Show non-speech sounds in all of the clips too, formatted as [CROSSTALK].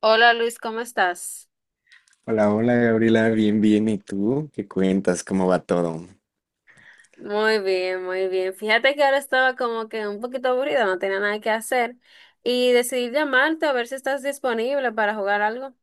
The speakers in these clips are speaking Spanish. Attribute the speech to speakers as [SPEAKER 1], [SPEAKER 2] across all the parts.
[SPEAKER 1] Hola Luis, ¿cómo estás?
[SPEAKER 2] Hola, hola Gabriela, bien, bien. ¿Y tú? ¿Qué cuentas? ¿Cómo va todo?
[SPEAKER 1] Muy bien, muy bien. Fíjate que ahora estaba como que un poquito aburrida, no tenía nada que hacer y decidí llamarte a ver si estás disponible para jugar algo.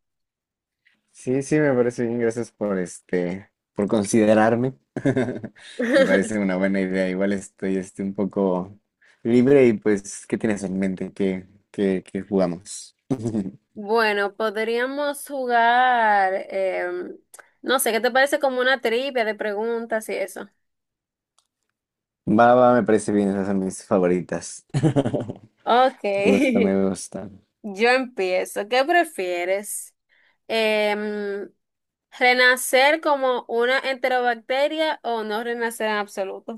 [SPEAKER 2] Sí, sí, me parece bien. Gracias por por considerarme. [LAUGHS] Me parece
[SPEAKER 1] [LAUGHS]
[SPEAKER 2] una buena idea. Igual estoy un poco libre y pues, ¿qué tienes en mente? ¿Qué jugamos? [LAUGHS]
[SPEAKER 1] Bueno, podríamos jugar, no sé, ¿qué te parece como una trivia de preguntas y eso?
[SPEAKER 2] Va, va, me parece bien. Esas son mis favoritas. [LAUGHS]
[SPEAKER 1] Ok,
[SPEAKER 2] Me gusta,
[SPEAKER 1] [LAUGHS]
[SPEAKER 2] me gusta.
[SPEAKER 1] yo empiezo. ¿Qué prefieres? Em, ¿Renacer como una enterobacteria o no renacer en absoluto?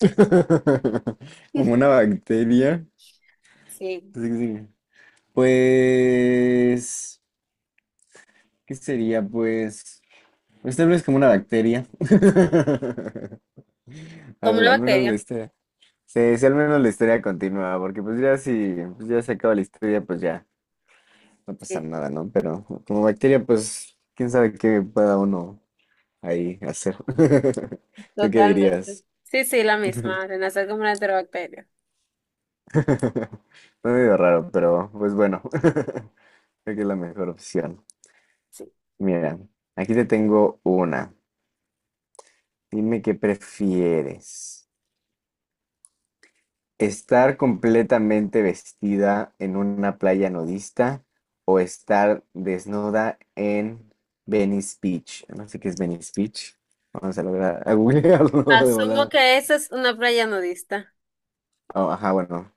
[SPEAKER 2] [LAUGHS] Como una
[SPEAKER 1] [LAUGHS]
[SPEAKER 2] bacteria.
[SPEAKER 1] Sí.
[SPEAKER 2] Sí, sí. Pues, ¿qué sería? Pues... Pues tal vez como una bacteria. [LAUGHS]
[SPEAKER 1] Como
[SPEAKER 2] Al,
[SPEAKER 1] una
[SPEAKER 2] al menos la
[SPEAKER 1] bacteria.
[SPEAKER 2] historia. Sí, sí, al menos la historia continúa, porque pues ya si pues ya se acaba la historia, pues ya no pasa
[SPEAKER 1] Sí,
[SPEAKER 2] nada, ¿no? Pero como bacteria, pues quién sabe qué pueda uno ahí hacer. [LAUGHS] ¿Tú qué
[SPEAKER 1] totalmente.
[SPEAKER 2] dirías?
[SPEAKER 1] Sí, sí, la
[SPEAKER 2] [LAUGHS]
[SPEAKER 1] misma. Renacer como una enterobacteria.
[SPEAKER 2] Fue medio raro, pero pues bueno, [LAUGHS] creo que es la mejor opción.
[SPEAKER 1] Sí.
[SPEAKER 2] Mira, aquí te tengo una. Dime qué prefieres. Estar completamente vestida en una playa nudista o estar desnuda en Venice Beach. No sé qué es Venice Beach. Vamos a lograr a googlearlo [LAUGHS] de
[SPEAKER 1] Asumo
[SPEAKER 2] volada.
[SPEAKER 1] que esa es una playa nudista.
[SPEAKER 2] Oh, ajá, bueno.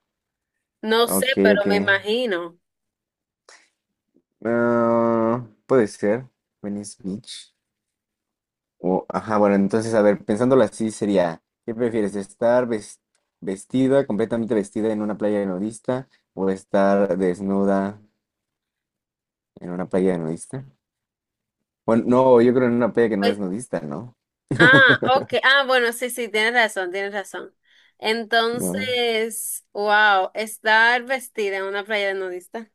[SPEAKER 1] No sé,
[SPEAKER 2] Ok,
[SPEAKER 1] pero
[SPEAKER 2] ok.
[SPEAKER 1] me imagino.
[SPEAKER 2] Ah, puede ser. Venice Beach. Ajá, bueno, entonces, a ver, pensándolo así sería, ¿qué prefieres? Vestida, completamente vestida en una playa nudista o estar desnuda en una playa nudista? Bueno, no, yo creo en una peda que no
[SPEAKER 1] Pues,
[SPEAKER 2] es nudista, ¿no?
[SPEAKER 1] ah, ok.
[SPEAKER 2] [LAUGHS]
[SPEAKER 1] Ah, bueno, sí, sí, tienes razón, tienes razón.
[SPEAKER 2] No.
[SPEAKER 1] Entonces, wow, estar vestida en una playa de nudista.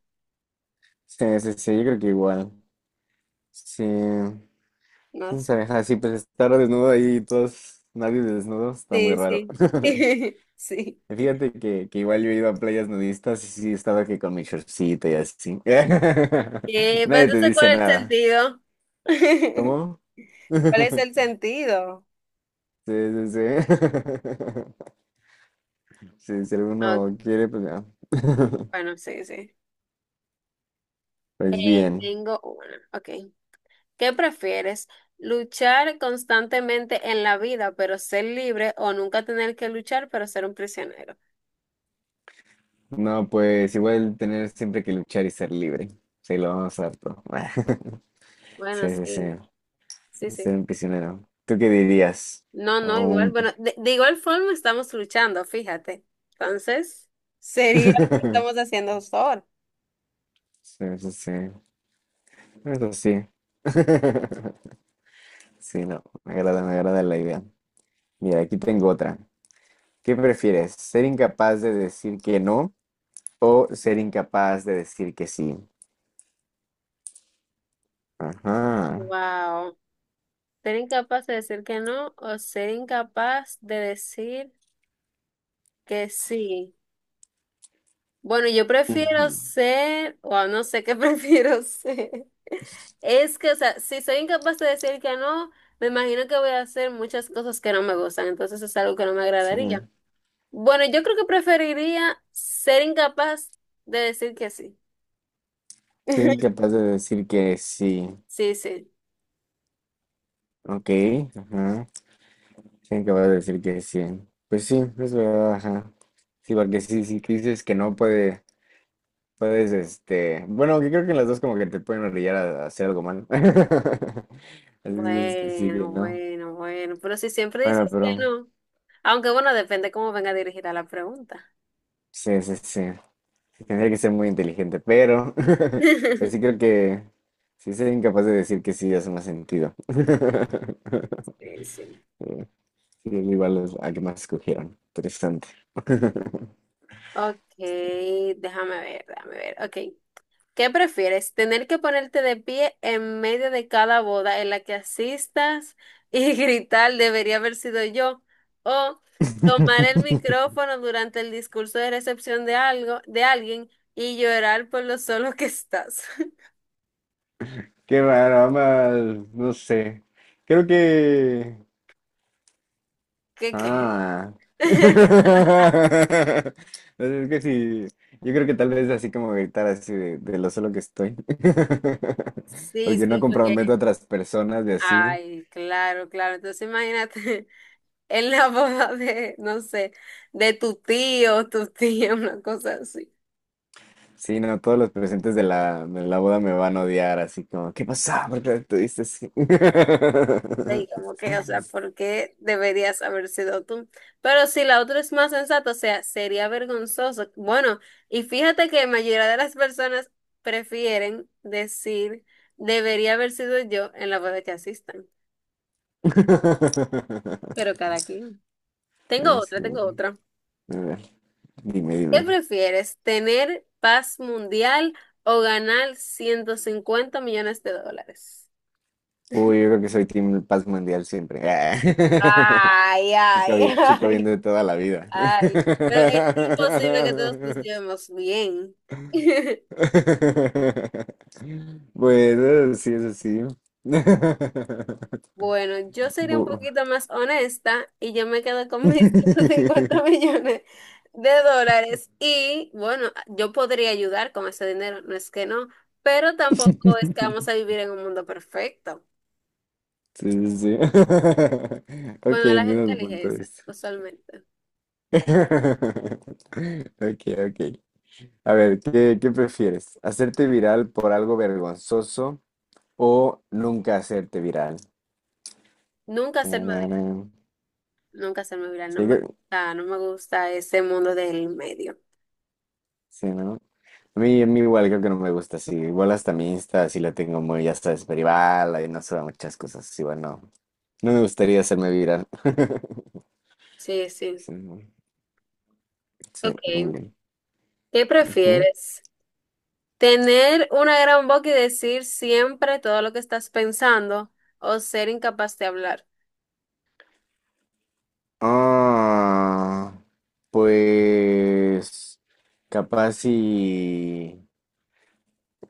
[SPEAKER 2] Sí, sí, sí, yo creo que igual. Sí.
[SPEAKER 1] No,
[SPEAKER 2] ¿Quién
[SPEAKER 1] s-
[SPEAKER 2] sabe? Ajá, sí, pues estar desnudo ahí, todos, nadie desnudo, está muy
[SPEAKER 1] sí,
[SPEAKER 2] raro.
[SPEAKER 1] sí.
[SPEAKER 2] [LAUGHS]
[SPEAKER 1] [LAUGHS] Sí.
[SPEAKER 2] Y fíjate que igual yo he ido a playas nudistas y sí estaba que con mi shortcito y así. [LAUGHS]
[SPEAKER 1] Pero
[SPEAKER 2] Nadie te
[SPEAKER 1] entonces,
[SPEAKER 2] dice
[SPEAKER 1] ¿cuál es el
[SPEAKER 2] nada.
[SPEAKER 1] sentido?
[SPEAKER 2] ¿Cómo?
[SPEAKER 1] [LAUGHS] ¿Cuál es el
[SPEAKER 2] [LAUGHS]
[SPEAKER 1] sentido?
[SPEAKER 2] Sí, sí, sí. [LAUGHS] Sí, si
[SPEAKER 1] Ok,
[SPEAKER 2] alguno quiere, pues ya. [LAUGHS]
[SPEAKER 1] bueno, sí, sí.
[SPEAKER 2] Pues bien.
[SPEAKER 1] Tengo una. Ok. ¿Qué prefieres? ¿Luchar constantemente en la vida, pero ser libre, o nunca tener que luchar, pero ser un prisionero?
[SPEAKER 2] No, pues igual tener siempre que luchar y ser libre. Sí, lo vamos a todo. [LAUGHS]
[SPEAKER 1] Bueno,
[SPEAKER 2] Sí, sí, sí.
[SPEAKER 1] sí, sí,
[SPEAKER 2] Ser
[SPEAKER 1] sí.
[SPEAKER 2] un prisionero. ¿Tú qué dirías?
[SPEAKER 1] No, no,
[SPEAKER 2] O
[SPEAKER 1] igual.
[SPEAKER 2] un-
[SPEAKER 1] Bueno, de igual forma estamos luchando, fíjate. Entonces, sería lo que
[SPEAKER 2] [LAUGHS]
[SPEAKER 1] estamos haciendo justo ahora.
[SPEAKER 2] Sí, sí, sí. Eso sí. [LAUGHS] Sí, no. Me agrada la idea. Mira, aquí tengo otra. ¿Qué prefieres? ¿Ser incapaz de decir que no o ser incapaz de decir que sí? Ajá.
[SPEAKER 1] Wow. Ser incapaz de decir que no o ser incapaz de decir que sí. Bueno, yo
[SPEAKER 2] Ujú.
[SPEAKER 1] prefiero ser, o no sé qué [LAUGHS] prefiero ser. Es que, o sea, si soy incapaz de decir que no, me imagino que voy a hacer muchas cosas que no me gustan, entonces es algo que no me agradaría.
[SPEAKER 2] Sí.
[SPEAKER 1] Bueno, yo creo que preferiría ser incapaz de decir que sí.
[SPEAKER 2] Ser
[SPEAKER 1] [LAUGHS]
[SPEAKER 2] incapaz de decir que sí.
[SPEAKER 1] Sí, sí.
[SPEAKER 2] Ok. Ajá. Sí, que vas a decir que sí. Pues sí, es verdad, ajá. Sí, porque sí, sí, tú dices que no puede, puedes, bueno, que creo que las dos como que te pueden orillar a hacer algo mal. [LAUGHS] Así dices que sí, que
[SPEAKER 1] Bueno,
[SPEAKER 2] no.
[SPEAKER 1] bueno, bueno. Pero si siempre
[SPEAKER 2] Bueno,
[SPEAKER 1] dices que
[SPEAKER 2] pero
[SPEAKER 1] no. Aunque bueno, depende cómo venga dirigida la pregunta.
[SPEAKER 2] sí, sí, sí. Sí, tendría que ser muy inteligente, pero [LAUGHS] pues sí creo
[SPEAKER 1] [LAUGHS]
[SPEAKER 2] que sí sería incapaz de decir que sí hace más sentido. [LAUGHS]
[SPEAKER 1] Sí, sí.
[SPEAKER 2] Sí, igual es la que más escogieron. Interesante.
[SPEAKER 1] Ok, déjame ver, déjame ver. Ok. ¿Qué prefieres? ¿Tener que ponerte de pie en medio de cada boda en la que asistas y [LAUGHS] gritar debería haber sido yo? ¿O tomar el
[SPEAKER 2] [LAUGHS]
[SPEAKER 1] micrófono durante el discurso de recepción de algo, de alguien y llorar por lo solo que estás? [LAUGHS]
[SPEAKER 2] Qué raro, ambas, no sé. Creo que...
[SPEAKER 1] ¿Qué crees?
[SPEAKER 2] Ah.
[SPEAKER 1] [LAUGHS]
[SPEAKER 2] [LAUGHS] Es que sí, yo creo que tal vez así como gritar así de lo solo que estoy. [LAUGHS]
[SPEAKER 1] Sí,
[SPEAKER 2] Porque no
[SPEAKER 1] sí,
[SPEAKER 2] comprometo a
[SPEAKER 1] porque...
[SPEAKER 2] otras personas de así.
[SPEAKER 1] Ay, claro, claro. Entonces imagínate [LAUGHS] en la boda de, no sé, de tu tío, tu tía, una cosa así.
[SPEAKER 2] Sí, no, todos los presentes de la boda me van a odiar, así como, ¿qué pasa? ¿Por qué te diste así?
[SPEAKER 1] Y
[SPEAKER 2] [LAUGHS]
[SPEAKER 1] como que, o sea, ¿por qué deberías haber sido tú? Pero si la otra es más sensata, o sea, sería vergonzoso. Bueno, y fíjate que la mayoría de las personas prefieren decir, debería haber sido yo en la boda que asistan. Pero cada quien. Tengo otra,
[SPEAKER 2] Así,
[SPEAKER 1] tengo otra.
[SPEAKER 2] a ver, dime,
[SPEAKER 1] ¿Qué
[SPEAKER 2] dime.
[SPEAKER 1] prefieres, tener paz mundial o ganar 150 millones de dólares?
[SPEAKER 2] Uy, yo creo que soy Team Paz Mundial siempre. [LAUGHS]
[SPEAKER 1] Ay, ay, [LAUGHS]
[SPEAKER 2] Chico bien
[SPEAKER 1] ay.
[SPEAKER 2] de toda la vida.
[SPEAKER 1] Ay,
[SPEAKER 2] [LAUGHS]
[SPEAKER 1] pero es imposible que todos nos llevemos bien. [LAUGHS]
[SPEAKER 2] Bueno, sí, eso sí. [LAUGHS]
[SPEAKER 1] Bueno, yo sería un
[SPEAKER 2] Bu-
[SPEAKER 1] poquito más honesta y yo me quedo con mis [LAUGHS] 150
[SPEAKER 2] [LAUGHS]
[SPEAKER 1] millones de dólares y bueno, yo podría ayudar con ese dinero, no es que no, pero tampoco es que vamos a vivir en un mundo perfecto.
[SPEAKER 2] Sí, sí, sí. [LAUGHS]
[SPEAKER 1] Bueno,
[SPEAKER 2] Ok,
[SPEAKER 1] la gente
[SPEAKER 2] entiendo tu
[SPEAKER 1] elige
[SPEAKER 2] punto de
[SPEAKER 1] esa,
[SPEAKER 2] vista.
[SPEAKER 1] usualmente.
[SPEAKER 2] [LAUGHS] Ok, ok. A ver, ¿qué prefieres? ¿Hacerte viral por algo vergonzoso o nunca hacerte viral?
[SPEAKER 1] Nunca hacerme
[SPEAKER 2] Tarara.
[SPEAKER 1] viral, nunca hacerme viral, no
[SPEAKER 2] Sí,
[SPEAKER 1] me gusta, no me gusta ese mundo del medio.
[SPEAKER 2] sí, ¿no? A mí igual creo que no me gusta así. Igual hasta mi Insta sí la tengo muy, ya sabes, privada y no sube muchas cosas. Sí, bueno, no me gustaría hacerme viral. [LAUGHS]
[SPEAKER 1] Sí, sí.
[SPEAKER 2] Sí, ¿no? Sí, muy
[SPEAKER 1] Ok,
[SPEAKER 2] bien.
[SPEAKER 1] ¿qué
[SPEAKER 2] Ujú.
[SPEAKER 1] prefieres? Tener una gran boca y decir siempre todo lo que estás pensando o ser incapaz de hablar.
[SPEAKER 2] Ah, pues capaz y,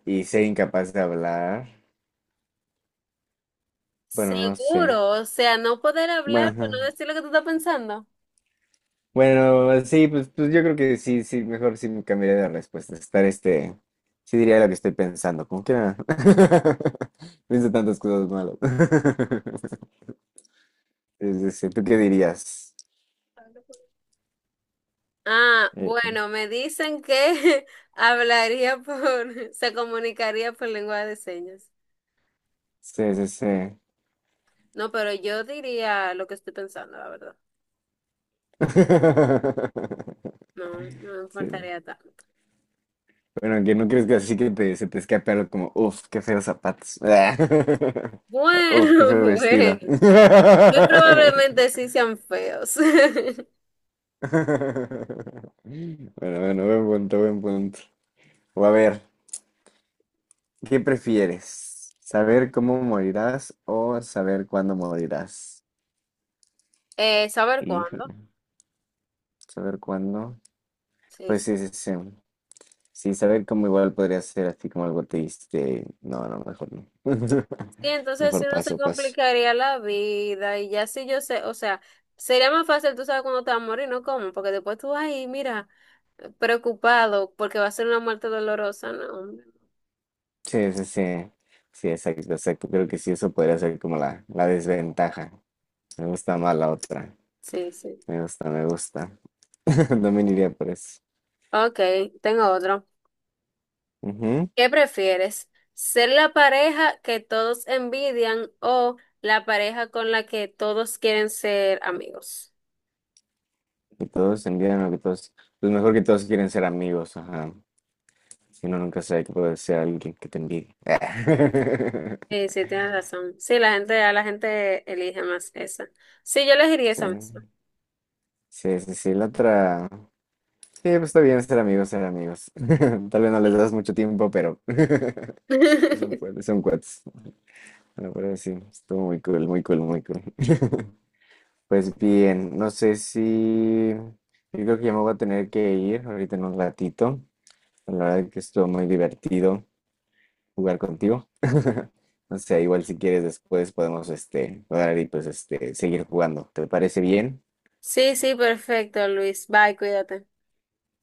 [SPEAKER 2] y ser incapaz de hablar. Bueno, no sé.
[SPEAKER 1] Seguro, o sea, no poder
[SPEAKER 2] Bueno,
[SPEAKER 1] hablar, pero no
[SPEAKER 2] ajá.
[SPEAKER 1] decir lo que tú estás pensando.
[SPEAKER 2] Bueno, sí, pues yo creo que sí, sí, mejor sí me cambiaría de respuesta. Estar sí diría lo que estoy pensando, como que ah, [LAUGHS] pienso tantas cosas malas. [LAUGHS] Sí, sí, sí, ¿tú qué dirías?
[SPEAKER 1] Ah,
[SPEAKER 2] Eh,
[SPEAKER 1] bueno, me dicen que [LAUGHS] hablaría por, [LAUGHS] se comunicaría por lengua de señas.
[SPEAKER 2] sí, sí, sí.
[SPEAKER 1] No, pero yo diría lo que estoy pensando, la verdad.
[SPEAKER 2] [LAUGHS]
[SPEAKER 1] No, no me
[SPEAKER 2] Sí.
[SPEAKER 1] importaría tanto.
[SPEAKER 2] Bueno, que no crees que así que se te escape algo como, uff, qué feos zapatos. [LAUGHS] Uf, qué
[SPEAKER 1] Bueno,
[SPEAKER 2] feo
[SPEAKER 1] [LAUGHS]
[SPEAKER 2] vestido.
[SPEAKER 1] bueno.
[SPEAKER 2] [LAUGHS]
[SPEAKER 1] Muy probablemente sí sean feos. [LAUGHS]
[SPEAKER 2] Bueno, bueno, buen punto, buen punto. O a ver. ¿Qué prefieres? ¿Saber cómo morirás o saber cuándo morirás?
[SPEAKER 1] ¿Saber cuándo?
[SPEAKER 2] Híjole, saber cuándo.
[SPEAKER 1] Sí,
[SPEAKER 2] Pues sí, sí, sí. Sí, saber cómo igual podría ser así como algo triste. No, no, mejor no. [LAUGHS]
[SPEAKER 1] y entonces si
[SPEAKER 2] Mejor
[SPEAKER 1] uno se
[SPEAKER 2] paso, paso.
[SPEAKER 1] complicaría la vida y ya si yo sé, o sea, sería más fácil, tú sabes, cuando te vas a morir, ¿no? ¿Cómo? Porque después tú, ay, mira, preocupado porque va a ser una muerte dolorosa, ¿no? Hombre.
[SPEAKER 2] Sí, sí, sí. Sí, exacto, exacto. Creo que sí, eso podría ser como la desventaja. Me gusta más la otra.
[SPEAKER 1] Sí, sí.
[SPEAKER 2] Me gusta, me gusta. [LAUGHS] También iría por eso.
[SPEAKER 1] Ok, tengo otro.
[SPEAKER 2] Ujú.
[SPEAKER 1] ¿Qué prefieres? ¿Ser la pareja que todos envidian o la pareja con la que todos quieren ser amigos?
[SPEAKER 2] Y todos envían lo que todos. Pues mejor que todos quieren ser amigos, ajá. Si uno nunca sabe que puede ser alguien que te envidie.
[SPEAKER 1] Sí,
[SPEAKER 2] [LAUGHS]
[SPEAKER 1] sí, tienes razón. Sí, la gente, a la gente elige más esa. Sí, yo elegiría
[SPEAKER 2] Sí,
[SPEAKER 1] esa misma.
[SPEAKER 2] sí, sí, sí, la otra. Sí, pues está bien ser amigos, ser amigos. [LAUGHS] Tal vez no les
[SPEAKER 1] Sí.
[SPEAKER 2] das mucho tiempo, pero [LAUGHS] son
[SPEAKER 1] [LAUGHS]
[SPEAKER 2] cuates, son cuates. Bueno, pero sí, estuvo muy cool, muy cool, muy cool. [LAUGHS] Pues bien, no sé si. Yo creo que ya me voy a tener que ir ahorita en un ratito. La verdad que estuvo muy divertido jugar contigo. [LAUGHS] O sea, igual si quieres después podemos jugar y pues seguir jugando. ¿Te parece bien?
[SPEAKER 1] Sí, sí, perfecto, Luis. Bye, cuídate.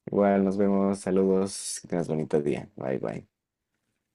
[SPEAKER 2] Igual nos vemos, saludos, que tengas bonito día. Bye bye.